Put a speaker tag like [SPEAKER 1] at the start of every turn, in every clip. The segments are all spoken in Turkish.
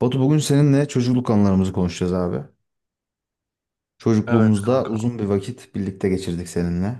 [SPEAKER 1] Batu bugün seninle çocukluk anılarımızı konuşacağız abi.
[SPEAKER 2] Evet
[SPEAKER 1] Çocukluğumuzda
[SPEAKER 2] kanka,
[SPEAKER 1] uzun bir vakit birlikte geçirdik seninle.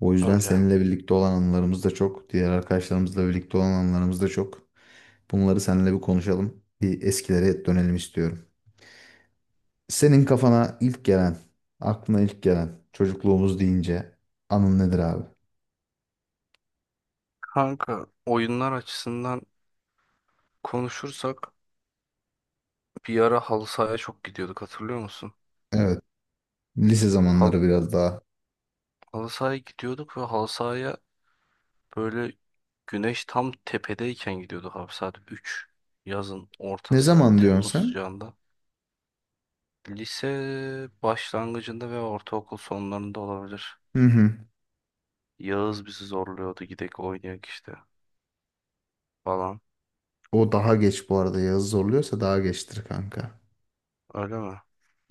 [SPEAKER 1] O yüzden
[SPEAKER 2] öyle.
[SPEAKER 1] seninle birlikte olan anılarımız da çok. Diğer arkadaşlarımızla birlikte olan anılarımız da çok. Bunları seninle bir konuşalım. Bir eskilere dönelim istiyorum. Senin kafana ilk gelen, aklına ilk gelen çocukluğumuz deyince anın nedir abi?
[SPEAKER 2] Kanka, oyunlar açısından konuşursak bir ara halı sahaya çok gidiyorduk, hatırlıyor musun?
[SPEAKER 1] Evet, lise
[SPEAKER 2] Hal
[SPEAKER 1] zamanları biraz daha.
[SPEAKER 2] halı sahaya gidiyorduk ve halı sahaya böyle güneş tam tepedeyken gidiyorduk abi, saat üç, yazın
[SPEAKER 1] Ne
[SPEAKER 2] ortası,
[SPEAKER 1] zaman
[SPEAKER 2] Temmuz
[SPEAKER 1] diyorsun sen?
[SPEAKER 2] sıcağında. Lise başlangıcında ve ortaokul sonlarında olabilir.
[SPEAKER 1] Hı hı.
[SPEAKER 2] Yağız bizi zorluyordu, gidek oynayak işte falan.
[SPEAKER 1] O daha geç bu arada. Yazı zorluyorsa daha geçtir kanka.
[SPEAKER 2] Öyle mi?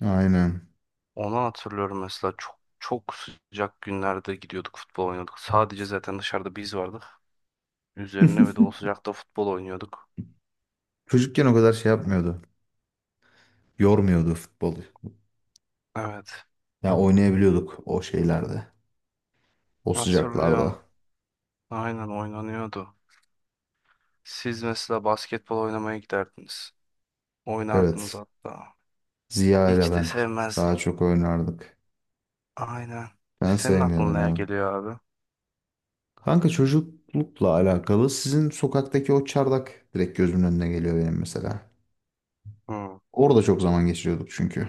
[SPEAKER 1] Aynen.
[SPEAKER 2] Onu hatırlıyorum mesela, çok çok sıcak günlerde gidiyorduk, futbol oynuyorduk. Sadece zaten dışarıda biz vardık. Üzerine ve de o sıcakta futbol oynuyorduk.
[SPEAKER 1] Çocukken o kadar şey yapmıyordu. Yormuyordu futbolu.
[SPEAKER 2] Evet,
[SPEAKER 1] Yani oynayabiliyorduk o şeylerde. O
[SPEAKER 2] hatırlıyorum.
[SPEAKER 1] sıcaklarda.
[SPEAKER 2] Aynen, oynanıyordu. Siz mesela basketbol oynamaya giderdiniz. Oynardınız
[SPEAKER 1] Evet.
[SPEAKER 2] hatta.
[SPEAKER 1] Ziya ile
[SPEAKER 2] Hiç de
[SPEAKER 1] ben
[SPEAKER 2] sevmezdim.
[SPEAKER 1] daha çok oynardık.
[SPEAKER 2] Aynen.
[SPEAKER 1] Ben
[SPEAKER 2] Senin
[SPEAKER 1] sevmiyordum
[SPEAKER 2] aklına ne
[SPEAKER 1] abi.
[SPEAKER 2] geliyor abi?
[SPEAKER 1] Kanka çocuklukla alakalı sizin sokaktaki o çardak direkt gözümün önüne geliyor benim mesela.
[SPEAKER 2] Hı,
[SPEAKER 1] Orada çok zaman geçiriyorduk çünkü.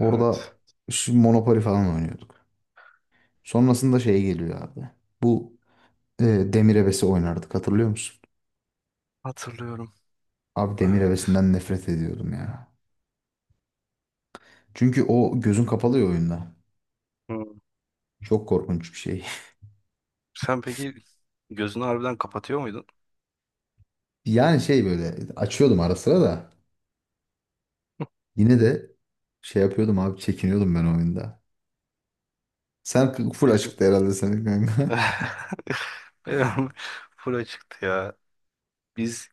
[SPEAKER 2] evet.
[SPEAKER 1] şu Monopoly falan oynuyorduk. Sonrasında şey geliyor abi. Bu e, Demir Ebesi oynardık hatırlıyor musun?
[SPEAKER 2] Hatırlıyorum.
[SPEAKER 1] Abi Demir
[SPEAKER 2] Evet.
[SPEAKER 1] Ebesi'nden nefret ediyordum ya. Çünkü o gözün kapalı ya oyunda.
[SPEAKER 2] Hı.
[SPEAKER 1] Çok korkunç bir şey.
[SPEAKER 2] Sen peki gözünü harbiden kapatıyor muydun?
[SPEAKER 1] Yani şey böyle açıyordum ara sıra da yine de şey yapıyordum abi çekiniyordum ben oyunda. Sen full
[SPEAKER 2] Biz
[SPEAKER 1] açıktı herhalde senin kanka.
[SPEAKER 2] Benim full çıktı ya. Biz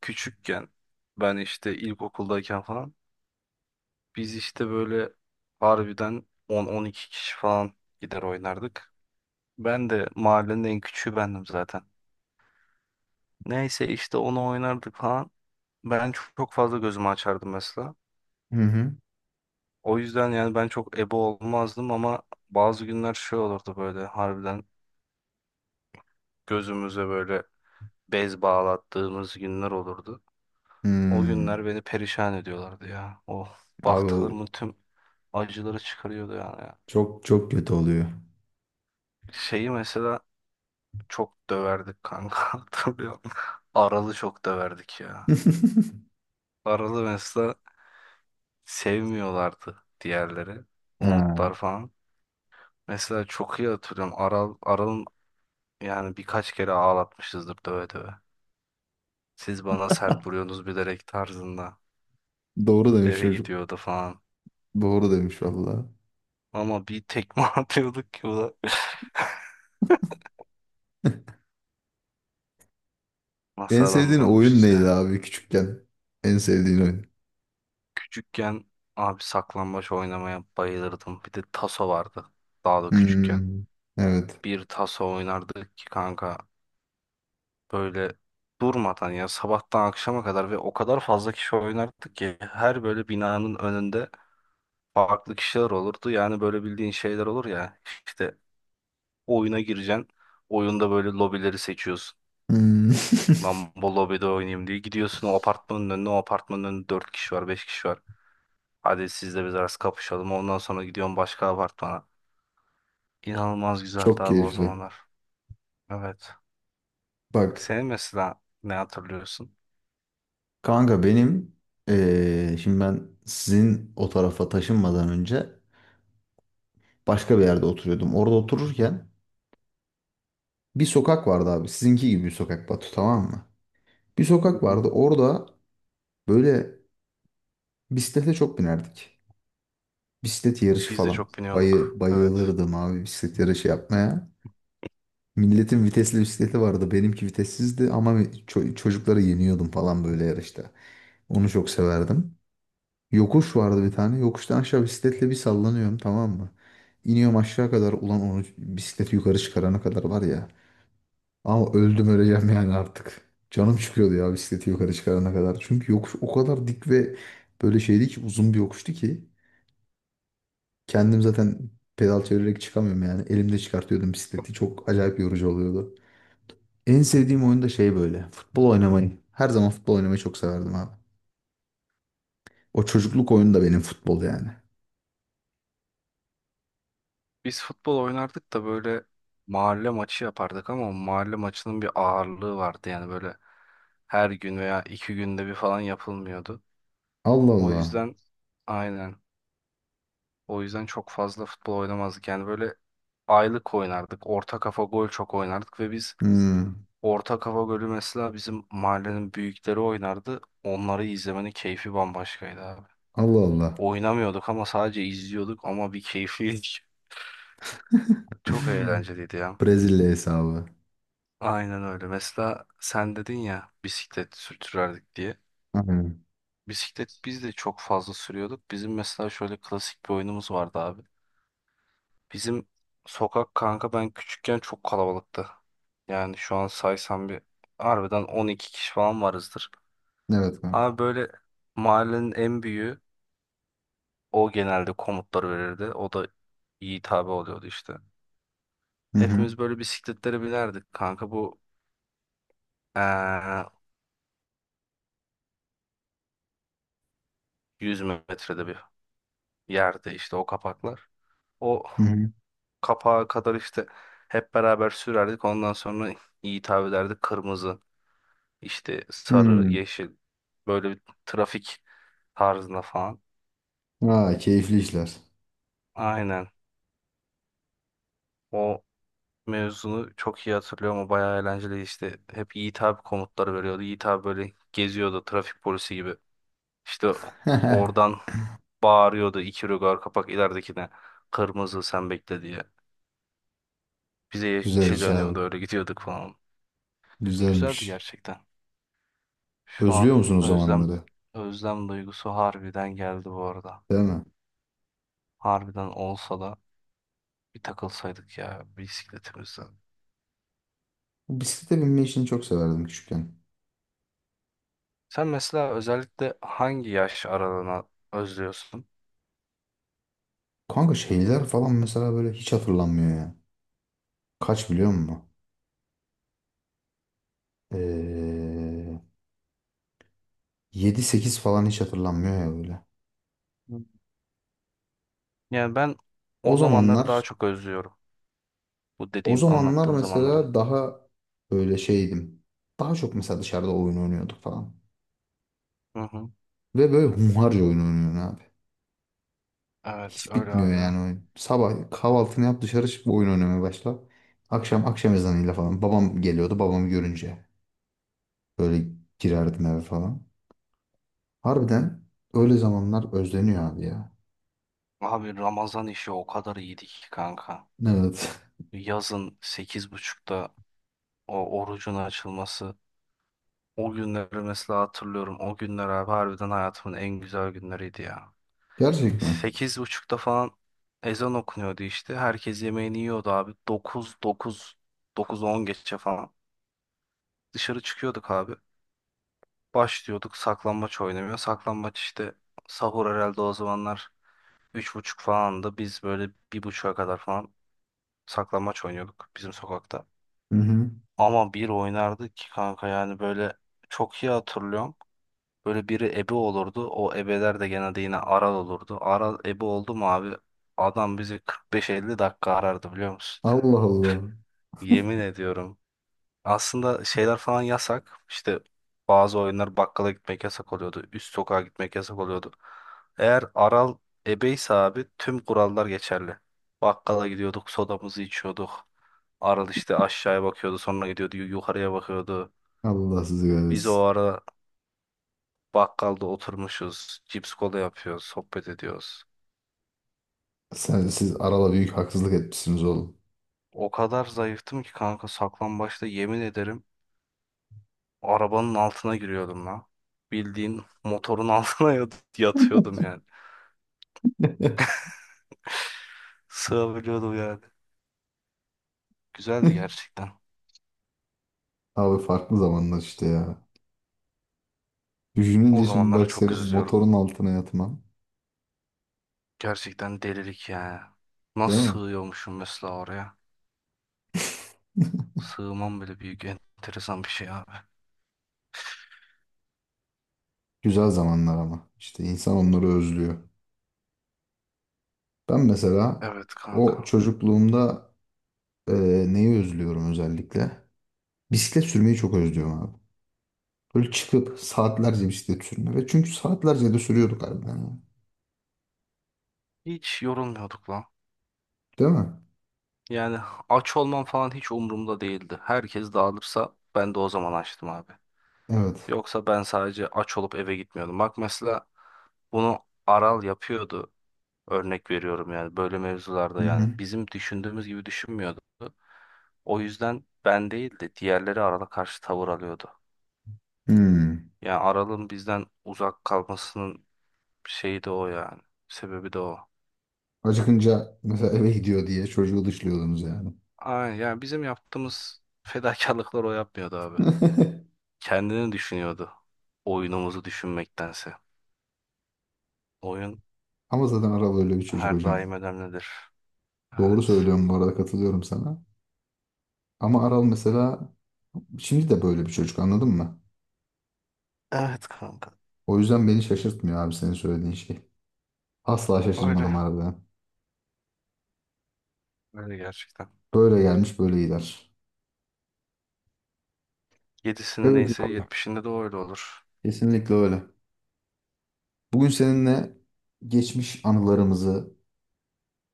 [SPEAKER 2] küçükken, ben işte ilkokuldayken falan, biz işte böyle harbiden on-on iki kişi falan gider oynardık. Ben de mahallenin en küçüğü bendim zaten. Neyse, işte onu oynardık falan. Ben çok, çok fazla gözümü açardım mesela.
[SPEAKER 1] Hı hı.
[SPEAKER 2] O yüzden yani ben çok ebe olmazdım ama bazı günler şey olurdu, böyle harbiden gözümüze böyle bez bağlattığımız günler olurdu. O
[SPEAKER 1] Hmm.
[SPEAKER 2] günler beni perişan ediyorlardı ya. O
[SPEAKER 1] Abi o
[SPEAKER 2] baktıklarımın tüm acıları çıkarıyordu yani ya.
[SPEAKER 1] çok çok kötü oluyor.
[SPEAKER 2] Şeyi mesela çok döverdik kanka hatırlıyorum. Aralı çok döverdik ya. Aralı mesela sevmiyorlardı diğerleri.
[SPEAKER 1] Ha.
[SPEAKER 2] Umutlar falan. Mesela çok iyi hatırlıyorum. Aral'ın yani birkaç kere ağlatmışızdır döve döve. Siz bana sert vuruyorsunuz bilerek tarzında.
[SPEAKER 1] Doğru demiş
[SPEAKER 2] Eve
[SPEAKER 1] çocuk.
[SPEAKER 2] gidiyordu falan.
[SPEAKER 1] Doğru demiş valla.
[SPEAKER 2] Ama bir tekme atıyorduk ki o da nasıl
[SPEAKER 1] En sevdiğin oyun
[SPEAKER 2] adamlarmışız
[SPEAKER 1] neydi
[SPEAKER 2] ya.
[SPEAKER 1] abi küçükken? En sevdiğin oyun.
[SPEAKER 2] Küçükken abi saklambaç oynamaya bayılırdım. Bir de taso vardı. Daha da küçükken.
[SPEAKER 1] Hmm. Evet.
[SPEAKER 2] Bir taso oynardık ki kanka, böyle durmadan ya, sabahtan akşama kadar, ve o kadar fazla kişi oynardık ki her böyle binanın önünde farklı kişiler olurdu. Yani böyle bildiğin şeyler olur ya, işte oyuna gireceksin. Oyunda böyle lobileri seçiyorsun.
[SPEAKER 1] Hmm.
[SPEAKER 2] Lan bu lobide oynayayım diye gidiyorsun o apartmanın önüne, o apartmanın önünde 4 kişi var, 5 kişi var. Hadi siz de biz arası kapışalım. Ondan sonra gidiyorum başka apartmana. İnanılmaz güzeldi
[SPEAKER 1] Çok
[SPEAKER 2] abi o
[SPEAKER 1] keyifli.
[SPEAKER 2] zamanlar. Evet.
[SPEAKER 1] Bak.
[SPEAKER 2] Senin mesela ne hatırlıyorsun?
[SPEAKER 1] Kanka benim şimdi ben sizin o tarafa taşınmadan önce başka bir yerde oturuyordum. Orada otururken bir sokak vardı abi. Sizinki gibi bir sokak Batu tamam mı? Bir
[SPEAKER 2] Hı
[SPEAKER 1] sokak
[SPEAKER 2] hı.
[SPEAKER 1] vardı. Orada böyle bisiklete çok binerdik. Bisiklet yarışı
[SPEAKER 2] Biz de
[SPEAKER 1] falan.
[SPEAKER 2] çok biniyorduk. Evet.
[SPEAKER 1] Bayılırdım abi bisiklet yarışı yapmaya. Milletin vitesli bisikleti vardı. Benimki vitessizdi ama çocukları yeniyordum falan böyle yarışta. Onu çok severdim. Yokuş vardı bir tane. Yokuştan aşağı bisikletle bir sallanıyorum tamam mı? İniyorum aşağı kadar. Ulan onu bisikleti yukarı çıkarana kadar var ya. Ama öldüm öleceğim yani artık. Canım çıkıyordu ya bisikleti yukarı çıkarana kadar. Çünkü yokuş o kadar dik ve böyle şeydi ki uzun bir yokuştu ki. Kendim zaten pedal çevirerek çıkamıyorum yani. Elimde çıkartıyordum bisikleti. Çok acayip yorucu oluyordu. En sevdiğim oyun da şey böyle. Futbol oynamayı. Her zaman futbol oynamayı çok severdim abi. O çocukluk oyunu da benim futbol yani.
[SPEAKER 2] Biz futbol oynardık da böyle mahalle maçı yapardık ama mahalle maçının bir ağırlığı vardı. Yani böyle her gün veya iki günde bir falan yapılmıyordu.
[SPEAKER 1] Allah
[SPEAKER 2] O
[SPEAKER 1] Allah.
[SPEAKER 2] yüzden, aynen. O yüzden çok fazla futbol oynamazdık. Yani böyle aylık oynardık. Orta kafa gol çok oynardık ve biz
[SPEAKER 1] Hmm.
[SPEAKER 2] Orta Kafa Gölü mesela bizim mahallenin büyükleri oynardı. Onları izlemenin keyfi bambaşkaydı abi.
[SPEAKER 1] Allah Allah.
[SPEAKER 2] Oynamıyorduk ama sadece izliyorduk, ama bir keyifliydi. Çok eğlenceliydi ya.
[SPEAKER 1] Brezilya hesabı.
[SPEAKER 2] Aynen öyle. Mesela sen dedin ya bisiklet sürtürerdik diye.
[SPEAKER 1] Aynen.
[SPEAKER 2] Bisiklet biz de çok fazla sürüyorduk. Bizim mesela şöyle klasik bir oyunumuz vardı abi. Bizim sokak kanka, ben küçükken çok kalabalıktı. Yani şu an saysam bir, harbiden 12 kişi falan varızdır.
[SPEAKER 1] Evet
[SPEAKER 2] Abi
[SPEAKER 1] kanka.
[SPEAKER 2] böyle mahallenin en büyüğü, o genelde komutları verirdi. O da iyi tabi oluyordu işte.
[SPEAKER 1] Hı hı.
[SPEAKER 2] Hepimiz böyle bisikletlere binerdik kanka. Bu eee 100 metrede bir yerde işte o kapaklar. O
[SPEAKER 1] Hı hı.
[SPEAKER 2] kapağa kadar işte hep beraber sürerdik. Ondan sonra iyi tabi ederdik. Kırmızı, işte sarı,
[SPEAKER 1] Hmm.
[SPEAKER 2] yeşil. Böyle bir trafik tarzında falan.
[SPEAKER 1] Aa, keyifli işler.
[SPEAKER 2] Aynen. O mevzunu çok iyi hatırlıyorum. O bayağı eğlenceli işte. Hep iyi tabi komutları veriyordu. İyi tabi böyle geziyordu trafik polisi gibi. İşte oradan bağırıyordu, iki rögar kapak ileridekine kırmızı, sen bekle diye. Bize
[SPEAKER 1] Güzel
[SPEAKER 2] yeşil
[SPEAKER 1] iş
[SPEAKER 2] yanıyordu,
[SPEAKER 1] abi.
[SPEAKER 2] öyle gidiyorduk falan. Güzeldi
[SPEAKER 1] Güzelmiş.
[SPEAKER 2] gerçekten. Şu
[SPEAKER 1] Özlüyor
[SPEAKER 2] an
[SPEAKER 1] musun o
[SPEAKER 2] özlem
[SPEAKER 1] zamanları?
[SPEAKER 2] özlem duygusu harbiden geldi bu arada.
[SPEAKER 1] Değil mi?
[SPEAKER 2] Harbiden olsa da bir takılsaydık ya bisikletimizden.
[SPEAKER 1] Bisiklete binme işini çok severdim küçükken.
[SPEAKER 2] Sen mesela özellikle hangi yaş aralığına özlüyorsun?
[SPEAKER 1] Kanka şeyler falan mesela böyle hiç hatırlanmıyor ya. Kaç biliyor musun? Ee, 7-8 falan hiç hatırlanmıyor ya böyle.
[SPEAKER 2] Hı. Yani ben
[SPEAKER 1] O
[SPEAKER 2] o zamanları
[SPEAKER 1] zamanlar
[SPEAKER 2] daha çok özlüyorum. Bu
[SPEAKER 1] O
[SPEAKER 2] dediğim,
[SPEAKER 1] zamanlar
[SPEAKER 2] anlattığım zamanları.
[SPEAKER 1] mesela daha böyle şeydim. Daha çok mesela dışarıda oyun oynuyorduk falan.
[SPEAKER 2] Hı hı.
[SPEAKER 1] Ve böyle hunharca oyun oynuyorsun abi.
[SPEAKER 2] Evet,
[SPEAKER 1] Hiç
[SPEAKER 2] öyle
[SPEAKER 1] bitmiyor
[SPEAKER 2] harbiden.
[SPEAKER 1] yani oyun. Sabah kahvaltını yap dışarı çık oyun oynamaya başla. Akşam akşam ezanıyla falan. Babam geliyordu babamı görünce. Böyle girerdim eve falan. Harbiden öyle zamanlar özleniyor abi ya.
[SPEAKER 2] Abi Ramazan işi o kadar iyiydi ki kanka.
[SPEAKER 1] Evet.
[SPEAKER 2] Yazın sekiz buçukta o orucun açılması. O günleri mesela hatırlıyorum. O günler abi harbiden hayatımın en güzel günleriydi ya.
[SPEAKER 1] Gerçek mi?
[SPEAKER 2] 8:30'da falan ezan okunuyordu işte. Herkes yemeğini yiyordu abi. Dokuz on geçe falan. Dışarı çıkıyorduk abi. Başlıyorduk saklambaç oynamaya. Saklambaç işte, sahur herhalde o zamanlar 3:30 falandı. Biz böyle 1:30'a kadar falan saklambaç oynuyorduk bizim sokakta.
[SPEAKER 1] Hı hı.
[SPEAKER 2] Ama bir oynardık ki kanka, yani böyle çok iyi hatırlıyorum. Böyle biri ebe olurdu. O ebeler de genelde yine aral olurdu. Aral ebe oldu mu abi, adam bizi 45-50 dakika arardı, biliyor musun?
[SPEAKER 1] Allah Allah.
[SPEAKER 2] Yemin ediyorum. Aslında şeyler falan yasak. İşte bazı oyunlar, bakkala gitmek yasak oluyordu. Üst sokağa gitmek yasak oluyordu. Eğer aral ebeyse abi tüm kurallar geçerli. Bakkala gidiyorduk, sodamızı içiyorduk. Aral işte aşağıya bakıyordu, sonra gidiyordu yukarıya bakıyordu.
[SPEAKER 1] Allah sizi
[SPEAKER 2] Biz o
[SPEAKER 1] kahretsin.
[SPEAKER 2] ara bakkalda oturmuşuz. Cips kola yapıyoruz. Sohbet ediyoruz.
[SPEAKER 1] Siz arada büyük haksızlık etmişsiniz oğlum.
[SPEAKER 2] O kadar zayıftım ki kanka, saklambaçta yemin ederim arabanın altına giriyordum lan. Bildiğin motorun altına yatıyordum yani. Sığabiliyordum yani. Güzeldi gerçekten.
[SPEAKER 1] Abi farklı zamanlar işte ya.
[SPEAKER 2] O
[SPEAKER 1] Düşününce şimdi
[SPEAKER 2] zamanlara
[SPEAKER 1] bak
[SPEAKER 2] çok
[SPEAKER 1] senin
[SPEAKER 2] üzülüyorum.
[SPEAKER 1] motorun altına yatman.
[SPEAKER 2] Gerçekten delilik yani.
[SPEAKER 1] Değil
[SPEAKER 2] Nasıl
[SPEAKER 1] mi?
[SPEAKER 2] sığıyormuşum mesela oraya? Sığmam bile büyük enteresan bir şey abi.
[SPEAKER 1] Güzel zamanlar ama. İşte insan onları özlüyor. Ben mesela
[SPEAKER 2] Evet
[SPEAKER 1] o
[SPEAKER 2] kanka.
[SPEAKER 1] çocukluğumda e, neyi özlüyorum özellikle? Bisiklet sürmeyi çok özlüyorum abi. Böyle çıkıp saatlerce bisiklet sürme. Ve çünkü saatlerce de sürüyorduk harbiden. Ya.
[SPEAKER 2] Hiç yorulmuyorduk lan.
[SPEAKER 1] Değil mi?
[SPEAKER 2] Yani aç olmam falan hiç umurumda değildi. Herkes dağılırsa ben de o zaman açtım abi.
[SPEAKER 1] Evet.
[SPEAKER 2] Yoksa ben sadece aç olup eve gitmiyordum. Bak mesela bunu Aral yapıyordu. Örnek veriyorum yani, böyle
[SPEAKER 1] Hı
[SPEAKER 2] mevzularda
[SPEAKER 1] hı.
[SPEAKER 2] yani bizim düşündüğümüz gibi düşünmüyordu. O yüzden ben değil de diğerleri Aral'a karşı tavır alıyordu.
[SPEAKER 1] Hmm.
[SPEAKER 2] Yani Aral'ın bizden uzak kalmasının şeyi de o yani. Sebebi de o.
[SPEAKER 1] Acıkınca mesela eve gidiyor diye çocuğu dışlıyordunuz yani.
[SPEAKER 2] Aynen, yani bizim yaptığımız fedakarlıklar o yapmıyordu abi. Kendini düşünüyordu. Oyunumuzu düşünmektense. Oyun
[SPEAKER 1] Ama zaten Aral öyle bir çocuk
[SPEAKER 2] her
[SPEAKER 1] hocam.
[SPEAKER 2] daim önemlidir.
[SPEAKER 1] Doğru
[SPEAKER 2] Evet.
[SPEAKER 1] söylüyorum bu arada katılıyorum sana. Ama Aral mesela şimdi de böyle bir çocuk anladın mı?
[SPEAKER 2] Evet kanka.
[SPEAKER 1] O yüzden beni şaşırtmıyor abi senin söylediğin şey. Asla
[SPEAKER 2] Öyle.
[SPEAKER 1] şaşırmadım arada.
[SPEAKER 2] Öyle gerçekten.
[SPEAKER 1] Böyle gelmiş böyle gider.
[SPEAKER 2] Yedisinde
[SPEAKER 1] Evet
[SPEAKER 2] neyse
[SPEAKER 1] abi.
[SPEAKER 2] yetmişinde de öyle olur.
[SPEAKER 1] Kesinlikle öyle. Bugün seninle geçmiş anılarımızı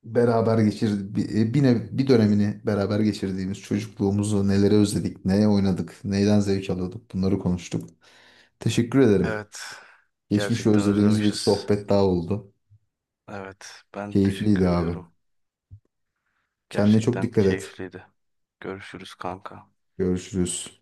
[SPEAKER 1] beraber geçir bir, e, bir, nev- bir dönemini beraber geçirdiğimiz çocukluğumuzu nelere özledik, neye oynadık, neyden zevk alıyorduk bunları konuştuk. Teşekkür ederim.
[SPEAKER 2] Evet.
[SPEAKER 1] Geçmişi
[SPEAKER 2] Gerçekten
[SPEAKER 1] özlediğimiz bir
[SPEAKER 2] özlemişiz.
[SPEAKER 1] sohbet daha oldu.
[SPEAKER 2] Evet. Ben teşekkür
[SPEAKER 1] Keyifliydi abi.
[SPEAKER 2] ediyorum.
[SPEAKER 1] Kendine çok
[SPEAKER 2] Gerçekten
[SPEAKER 1] dikkat et.
[SPEAKER 2] keyifliydi. Görüşürüz kanka.
[SPEAKER 1] Görüşürüz.